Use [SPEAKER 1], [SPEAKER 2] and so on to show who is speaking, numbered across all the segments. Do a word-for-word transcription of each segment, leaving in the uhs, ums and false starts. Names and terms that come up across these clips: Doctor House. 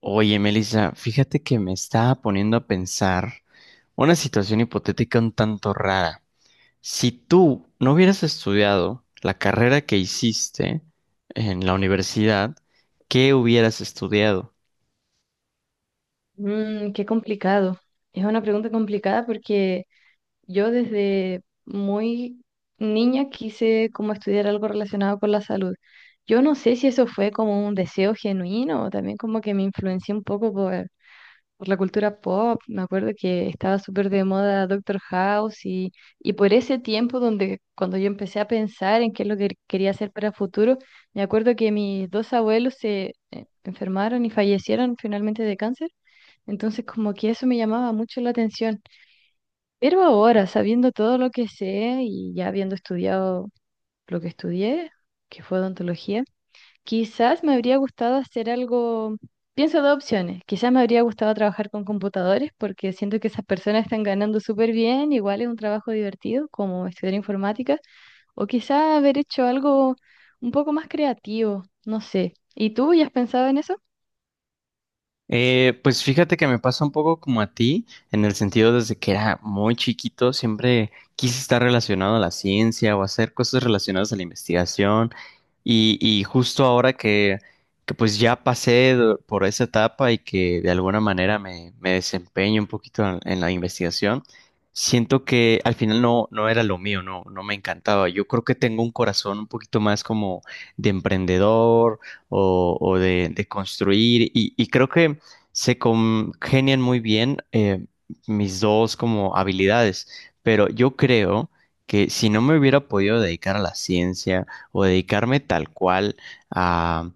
[SPEAKER 1] Oye, Melissa, fíjate que me estaba poniendo a pensar una situación hipotética un tanto rara. Si tú no hubieras estudiado la carrera que hiciste en la universidad, ¿qué hubieras estudiado?
[SPEAKER 2] Mm, qué complicado. Es una pregunta complicada porque yo desde muy niña quise como estudiar algo relacionado con la salud. Yo no sé si eso fue como un deseo genuino o también como que me influencié un poco por, por la cultura pop. Me acuerdo que estaba súper de moda Doctor House y, y por ese tiempo donde cuando yo empecé a pensar en qué es lo que quería hacer para el futuro, me acuerdo que mis dos abuelos se eh, enfermaron y fallecieron finalmente de cáncer. Entonces, como que eso me llamaba mucho la atención. Pero ahora, sabiendo todo lo que sé y ya habiendo estudiado lo que estudié, que fue odontología, quizás me habría gustado hacer algo, pienso dos opciones, quizás me habría gustado trabajar con computadores porque siento que esas personas están ganando súper bien, igual es un trabajo divertido como estudiar informática, o quizás haber hecho algo un poco más creativo, no sé. ¿Y tú ya has pensado en eso?
[SPEAKER 1] Eh, pues fíjate que me pasa un poco como a ti, en el sentido desde que era muy chiquito, siempre quise estar relacionado a la ciencia o hacer cosas relacionadas a la investigación. Y, y justo ahora que, que pues ya pasé do- por esa etapa y que de alguna manera me, me desempeño un poquito en, en la investigación, siento que al final no, no era lo mío, no, no me encantaba. Yo creo que tengo un corazón un poquito más como de emprendedor o, o de, de construir. Y, y creo que se congenian muy bien eh, mis dos como habilidades, pero yo creo que si no me hubiera podido dedicar a la ciencia o dedicarme tal cual a,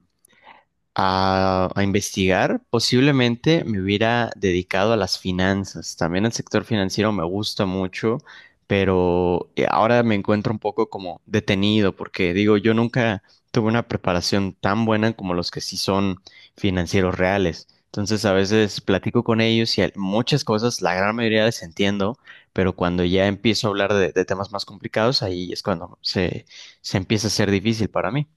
[SPEAKER 1] a, a investigar, posiblemente me hubiera dedicado a las finanzas. También el sector financiero me gusta mucho, pero eh, ahora me encuentro un poco como detenido porque digo, yo nunca tuve una preparación tan buena como los que sí son financieros reales. Entonces a veces platico con ellos y hay muchas cosas, la gran mayoría les entiendo, pero cuando ya empiezo a hablar de, de temas más complicados, ahí es cuando se, se empieza a ser difícil para mí.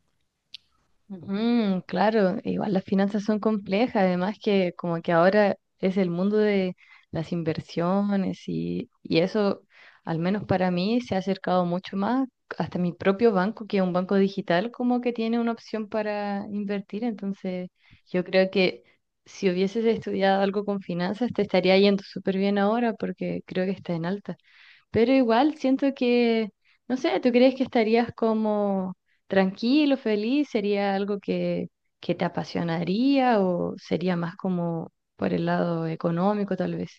[SPEAKER 2] Ujú, claro, igual las finanzas son complejas, además que como que ahora es el mundo de las inversiones y, y eso, al menos para mí, se ha acercado mucho más hasta mi propio banco, que es un banco digital, como que tiene una opción para invertir. Entonces, yo creo que si hubieses estudiado algo con finanzas, te estaría yendo súper bien ahora porque creo que está en alta. Pero igual siento que, no sé, ¿tú crees que estarías como tranquilo, feliz? ¿Sería algo que, que te apasionaría o sería más como por el lado económico tal vez?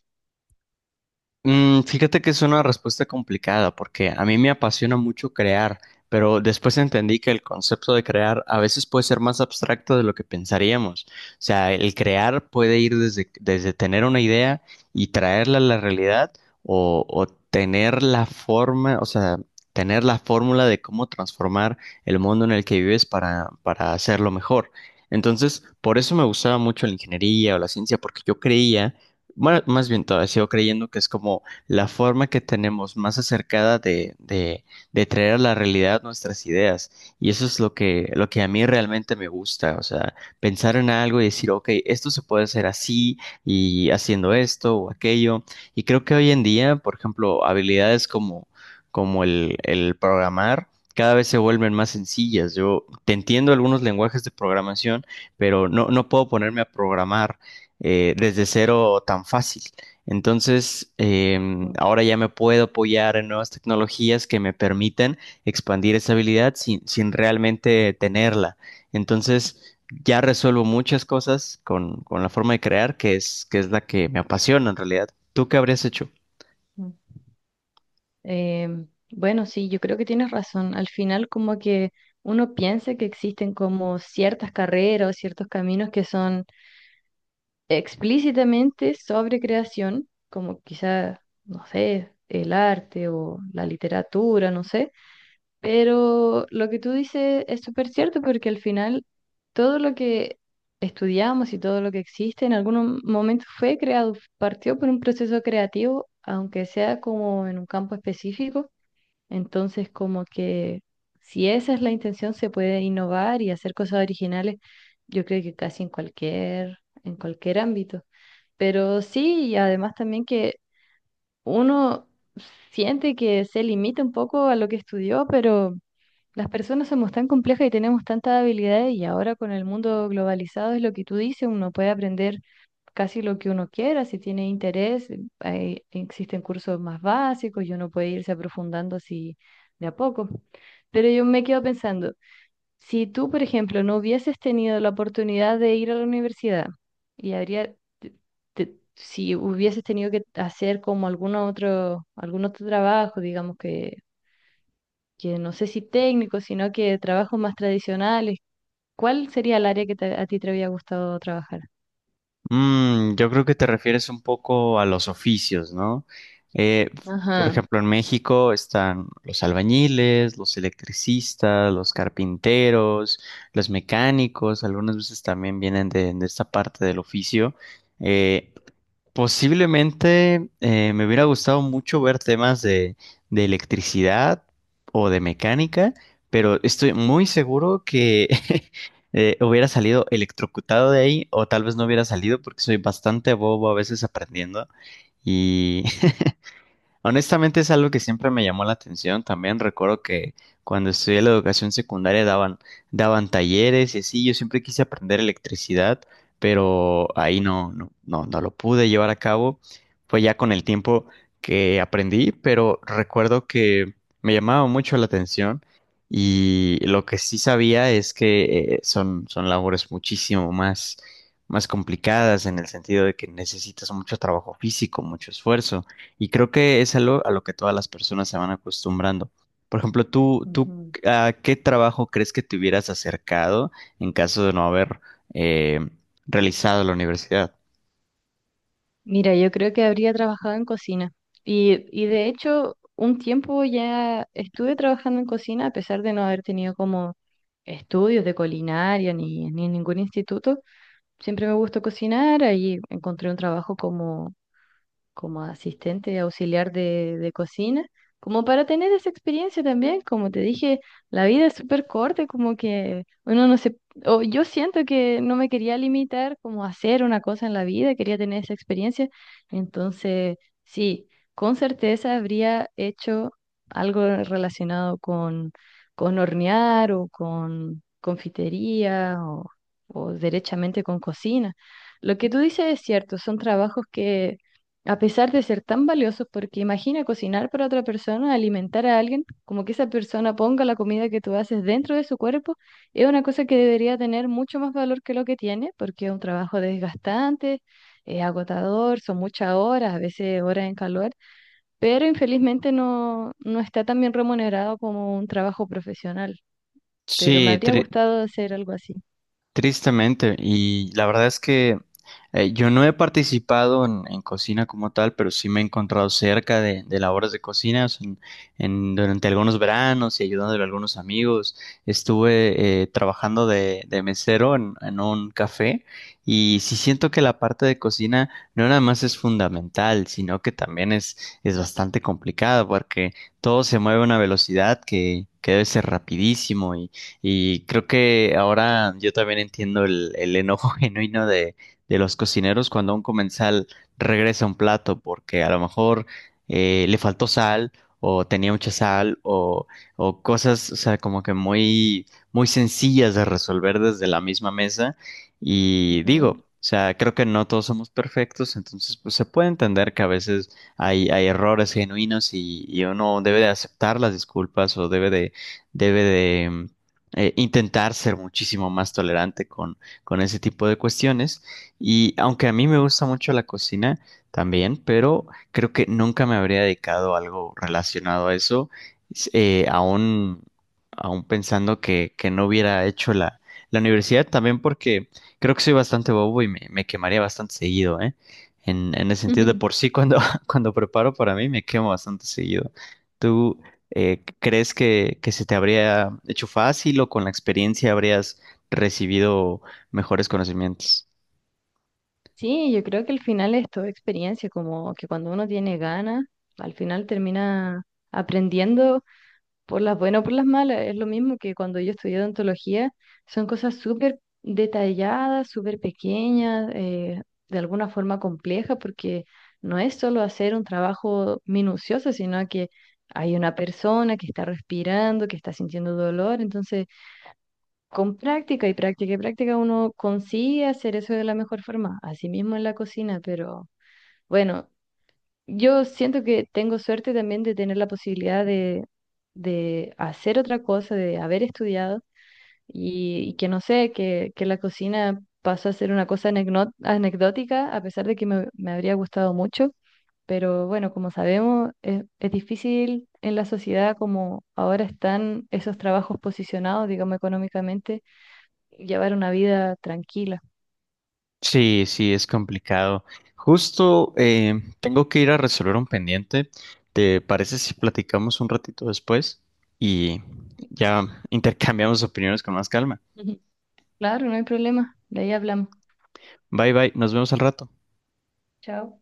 [SPEAKER 1] Mm, fíjate que es una respuesta complicada porque a mí me apasiona mucho crear, pero después entendí que el concepto de crear a veces puede ser más abstracto de lo que pensaríamos. O sea, el crear puede ir desde, desde tener una idea y traerla a la realidad o, o tener la forma, o sea, tener la fórmula de cómo transformar el mundo en el que vives para, para hacerlo mejor. Entonces, por eso me gustaba mucho la ingeniería o la ciencia, porque yo creía bueno, más bien todavía sigo creyendo que es como la forma que tenemos más acercada de, de, de traer a la realidad nuestras ideas. Y eso es lo que, lo que a mí realmente me gusta. O sea, pensar en algo y decir, ok, esto se puede hacer así y haciendo esto o aquello. Y creo que hoy en día, por ejemplo, habilidades como, como el, el programar. Cada vez se vuelven más sencillas. Yo te entiendo algunos lenguajes de programación, pero no, no puedo ponerme a programar eh, desde cero tan fácil. Entonces, em,
[SPEAKER 2] Mm,
[SPEAKER 1] ahora ya me puedo apoyar en nuevas tecnologías que me permiten expandir esa habilidad sin, sin realmente tenerla. Entonces, ya resuelvo muchas cosas con, con la forma de crear, que es, que es la que me apasiona en realidad. ¿Tú qué habrías hecho?
[SPEAKER 2] mm. Em, bueno, sí, yo creo que tienes razón. Al final como que uno piensa que existen como ciertas carreras o ciertos caminos que son explícitamente sobre creación, como quizá, no sé, el arte o la literatura, no sé. Pero lo que tú dices es súper cierto porque al final todo lo que estudiamos y todo lo que existe en algún momento fue creado, partió por un proceso creativo, aunque sea como en un campo específico. Entonces, como que si esa es la intención, se puede innovar y hacer cosas originales, yo creo que casi en cualquier, en cualquier ámbito. Pero sí, y además también que uno siente que se limita un poco a lo que estudió, pero las personas somos tan complejas y tenemos tantas habilidades y ahora con el mundo globalizado es lo que tú dices, uno puede aprender casi lo que uno quiera, si tiene interés, hay- existen cursos más básicos y uno puede irse aprofundando así de a poco. Pero yo me quedo pensando, si tú, por ejemplo, no hubieses tenido la oportunidad de ir a la universidad y habría, te- te- si hubieses tenido que hacer como alguno otro, algún otro trabajo, digamos que que no sé si técnico sino que trabajos más tradicionales. ¿Cuál sería el área que te- a ti te había gustado trabajar?
[SPEAKER 1] Mm, yo creo que te refieres un poco a los oficios, ¿no? Eh, por
[SPEAKER 2] Ajá.
[SPEAKER 1] ejemplo, en México están los albañiles, los electricistas, los carpinteros, los mecánicos, algunas veces también vienen de, de esta parte del oficio. Eh, Posiblemente eh, me hubiera gustado mucho ver temas de, de electricidad o de mecánica, pero estoy muy seguro que eh, hubiera salido electrocutado de ahí o tal vez no hubiera salido porque soy bastante bobo a veces aprendiendo y honestamente es algo que siempre me llamó la atención. También recuerdo que cuando estudié la educación secundaria daban, daban talleres y así. Yo siempre quise aprender electricidad, pero ahí no, no, no, no lo pude llevar a cabo. Fue ya con el tiempo que aprendí, pero recuerdo que me llamaba mucho la atención y lo que sí sabía es que eh, son, son labores muchísimo más, más complicadas en el sentido de que necesitas mucho trabajo físico, mucho esfuerzo. Y creo que es algo a lo que todas las personas se van acostumbrando. Por ejemplo, tú, tú,
[SPEAKER 2] Ujú.
[SPEAKER 1] ¿a qué trabajo crees que te hubieras acercado en caso de no haber eh, realizado la universidad?
[SPEAKER 2] Mira, yo creo que habría trabajado en cocina. Y, y de hecho, un tiempo ya estuve trabajando en cocina, a pesar de no haber tenido como estudios de culinaria ni, ni en ningún instituto. Siempre me gustó cocinar, ahí encontré un trabajo como como asistente auxiliar de, de cocina, como para tener esa experiencia también, como te dije, la vida es súper corta, como que uno no se, o yo siento que no me quería limitar como a hacer una cosa en la vida, quería tener esa experiencia, entonces sí, con certeza habría hecho algo relacionado con, con hornear o con confitería o o derechamente con cocina. Lo que tú dices es cierto, son trabajos que a pesar de ser tan valiosos, porque imagina cocinar para otra persona, alimentar a alguien, como que esa persona ponga la comida que tú haces dentro de su cuerpo, es una cosa que debería tener mucho más valor que lo que tiene, porque es un trabajo desgastante, es agotador, son muchas horas, a veces horas en calor, pero infelizmente no, no está tan bien remunerado como un trabajo profesional, pero me
[SPEAKER 1] Sí,
[SPEAKER 2] habría
[SPEAKER 1] tri-
[SPEAKER 2] gustado hacer algo así.
[SPEAKER 1] Tristemente, y la verdad es que eh, yo no he participado en, en cocina como tal, pero sí me he encontrado cerca de, de labores de cocina o sea, en- en- durante algunos veranos y ayudándole a algunos amigos. Estuve eh, trabajando de, de mesero en, en un café y sí siento que la parte de cocina no nada más es fundamental, sino que también es, es bastante complicada porque todo se mueve a una velocidad que, que debe ser rapidísimo y creo que ahora yo también entiendo el, el enojo genuino de, de los cocineros cuando un comensal regresa un plato porque a lo mejor eh, le faltó sal o tenía mucha sal o, o cosas, o sea, como que muy, muy sencillas de resolver desde la misma mesa. Y digo,
[SPEAKER 2] Ujú.
[SPEAKER 1] o sea, creo que no todos somos perfectos, entonces pues se puede entender que a veces hay, hay errores genuinos y, y uno debe de aceptar las disculpas o debe de, debe de eh, intentar ser muchísimo más tolerante con, con ese tipo de cuestiones. Y aunque a mí me gusta mucho la cocina también, pero creo que nunca me habría dedicado a algo relacionado a eso, s- eh, aún, aún pensando que, que no hubiera hecho la, la universidad, también porque creo que soy bastante bobo y me, me quemaría bastante seguido, ¿eh? En, en el sentido de por sí, cuando, cuando preparo para mí, me quemo bastante seguido. ¿Tú, eh, ¿Crees que, que se te habría hecho fácil o con la experiencia habrías recibido mejores conocimientos?
[SPEAKER 2] Sí, yo creo que al final es toda experiencia, como que cuando uno tiene ganas, al final termina aprendiendo por las buenas o por las malas. Es lo mismo que cuando yo estudié odontología, son cosas súper detalladas, súper pequeñas, eh, de alguna forma complejas, porque no es solo hacer un trabajo minucioso, sino que hay una persona que está respirando, que está sintiendo dolor, entonces con práctica y práctica y práctica uno consigue hacer eso de la mejor forma, así mismo en la cocina, pero bueno, yo siento que tengo suerte también de tener la posibilidad de, de hacer otra cosa, de haber estudiado y, y que no sé, que, que la cocina pasó a ser una cosa anecno- anecdótica, a pesar de que me, me habría gustado mucho, pero bueno, como sabemos, es, es difícil en la sociedad como ahora están esos trabajos posicionados, digamos, económicamente llevar una vida tranquila.
[SPEAKER 1] Sí, sí, es complicado. Justo eh, tengo que ir a resolver un pendiente. ¿Te parece si platicamos un ratito después y ya intercambiamos opiniones con más calma?
[SPEAKER 2] Ujú. Claro, no hay problema. De ahí hablamos.
[SPEAKER 1] Bye bye, nos vemos al rato.
[SPEAKER 2] Chao.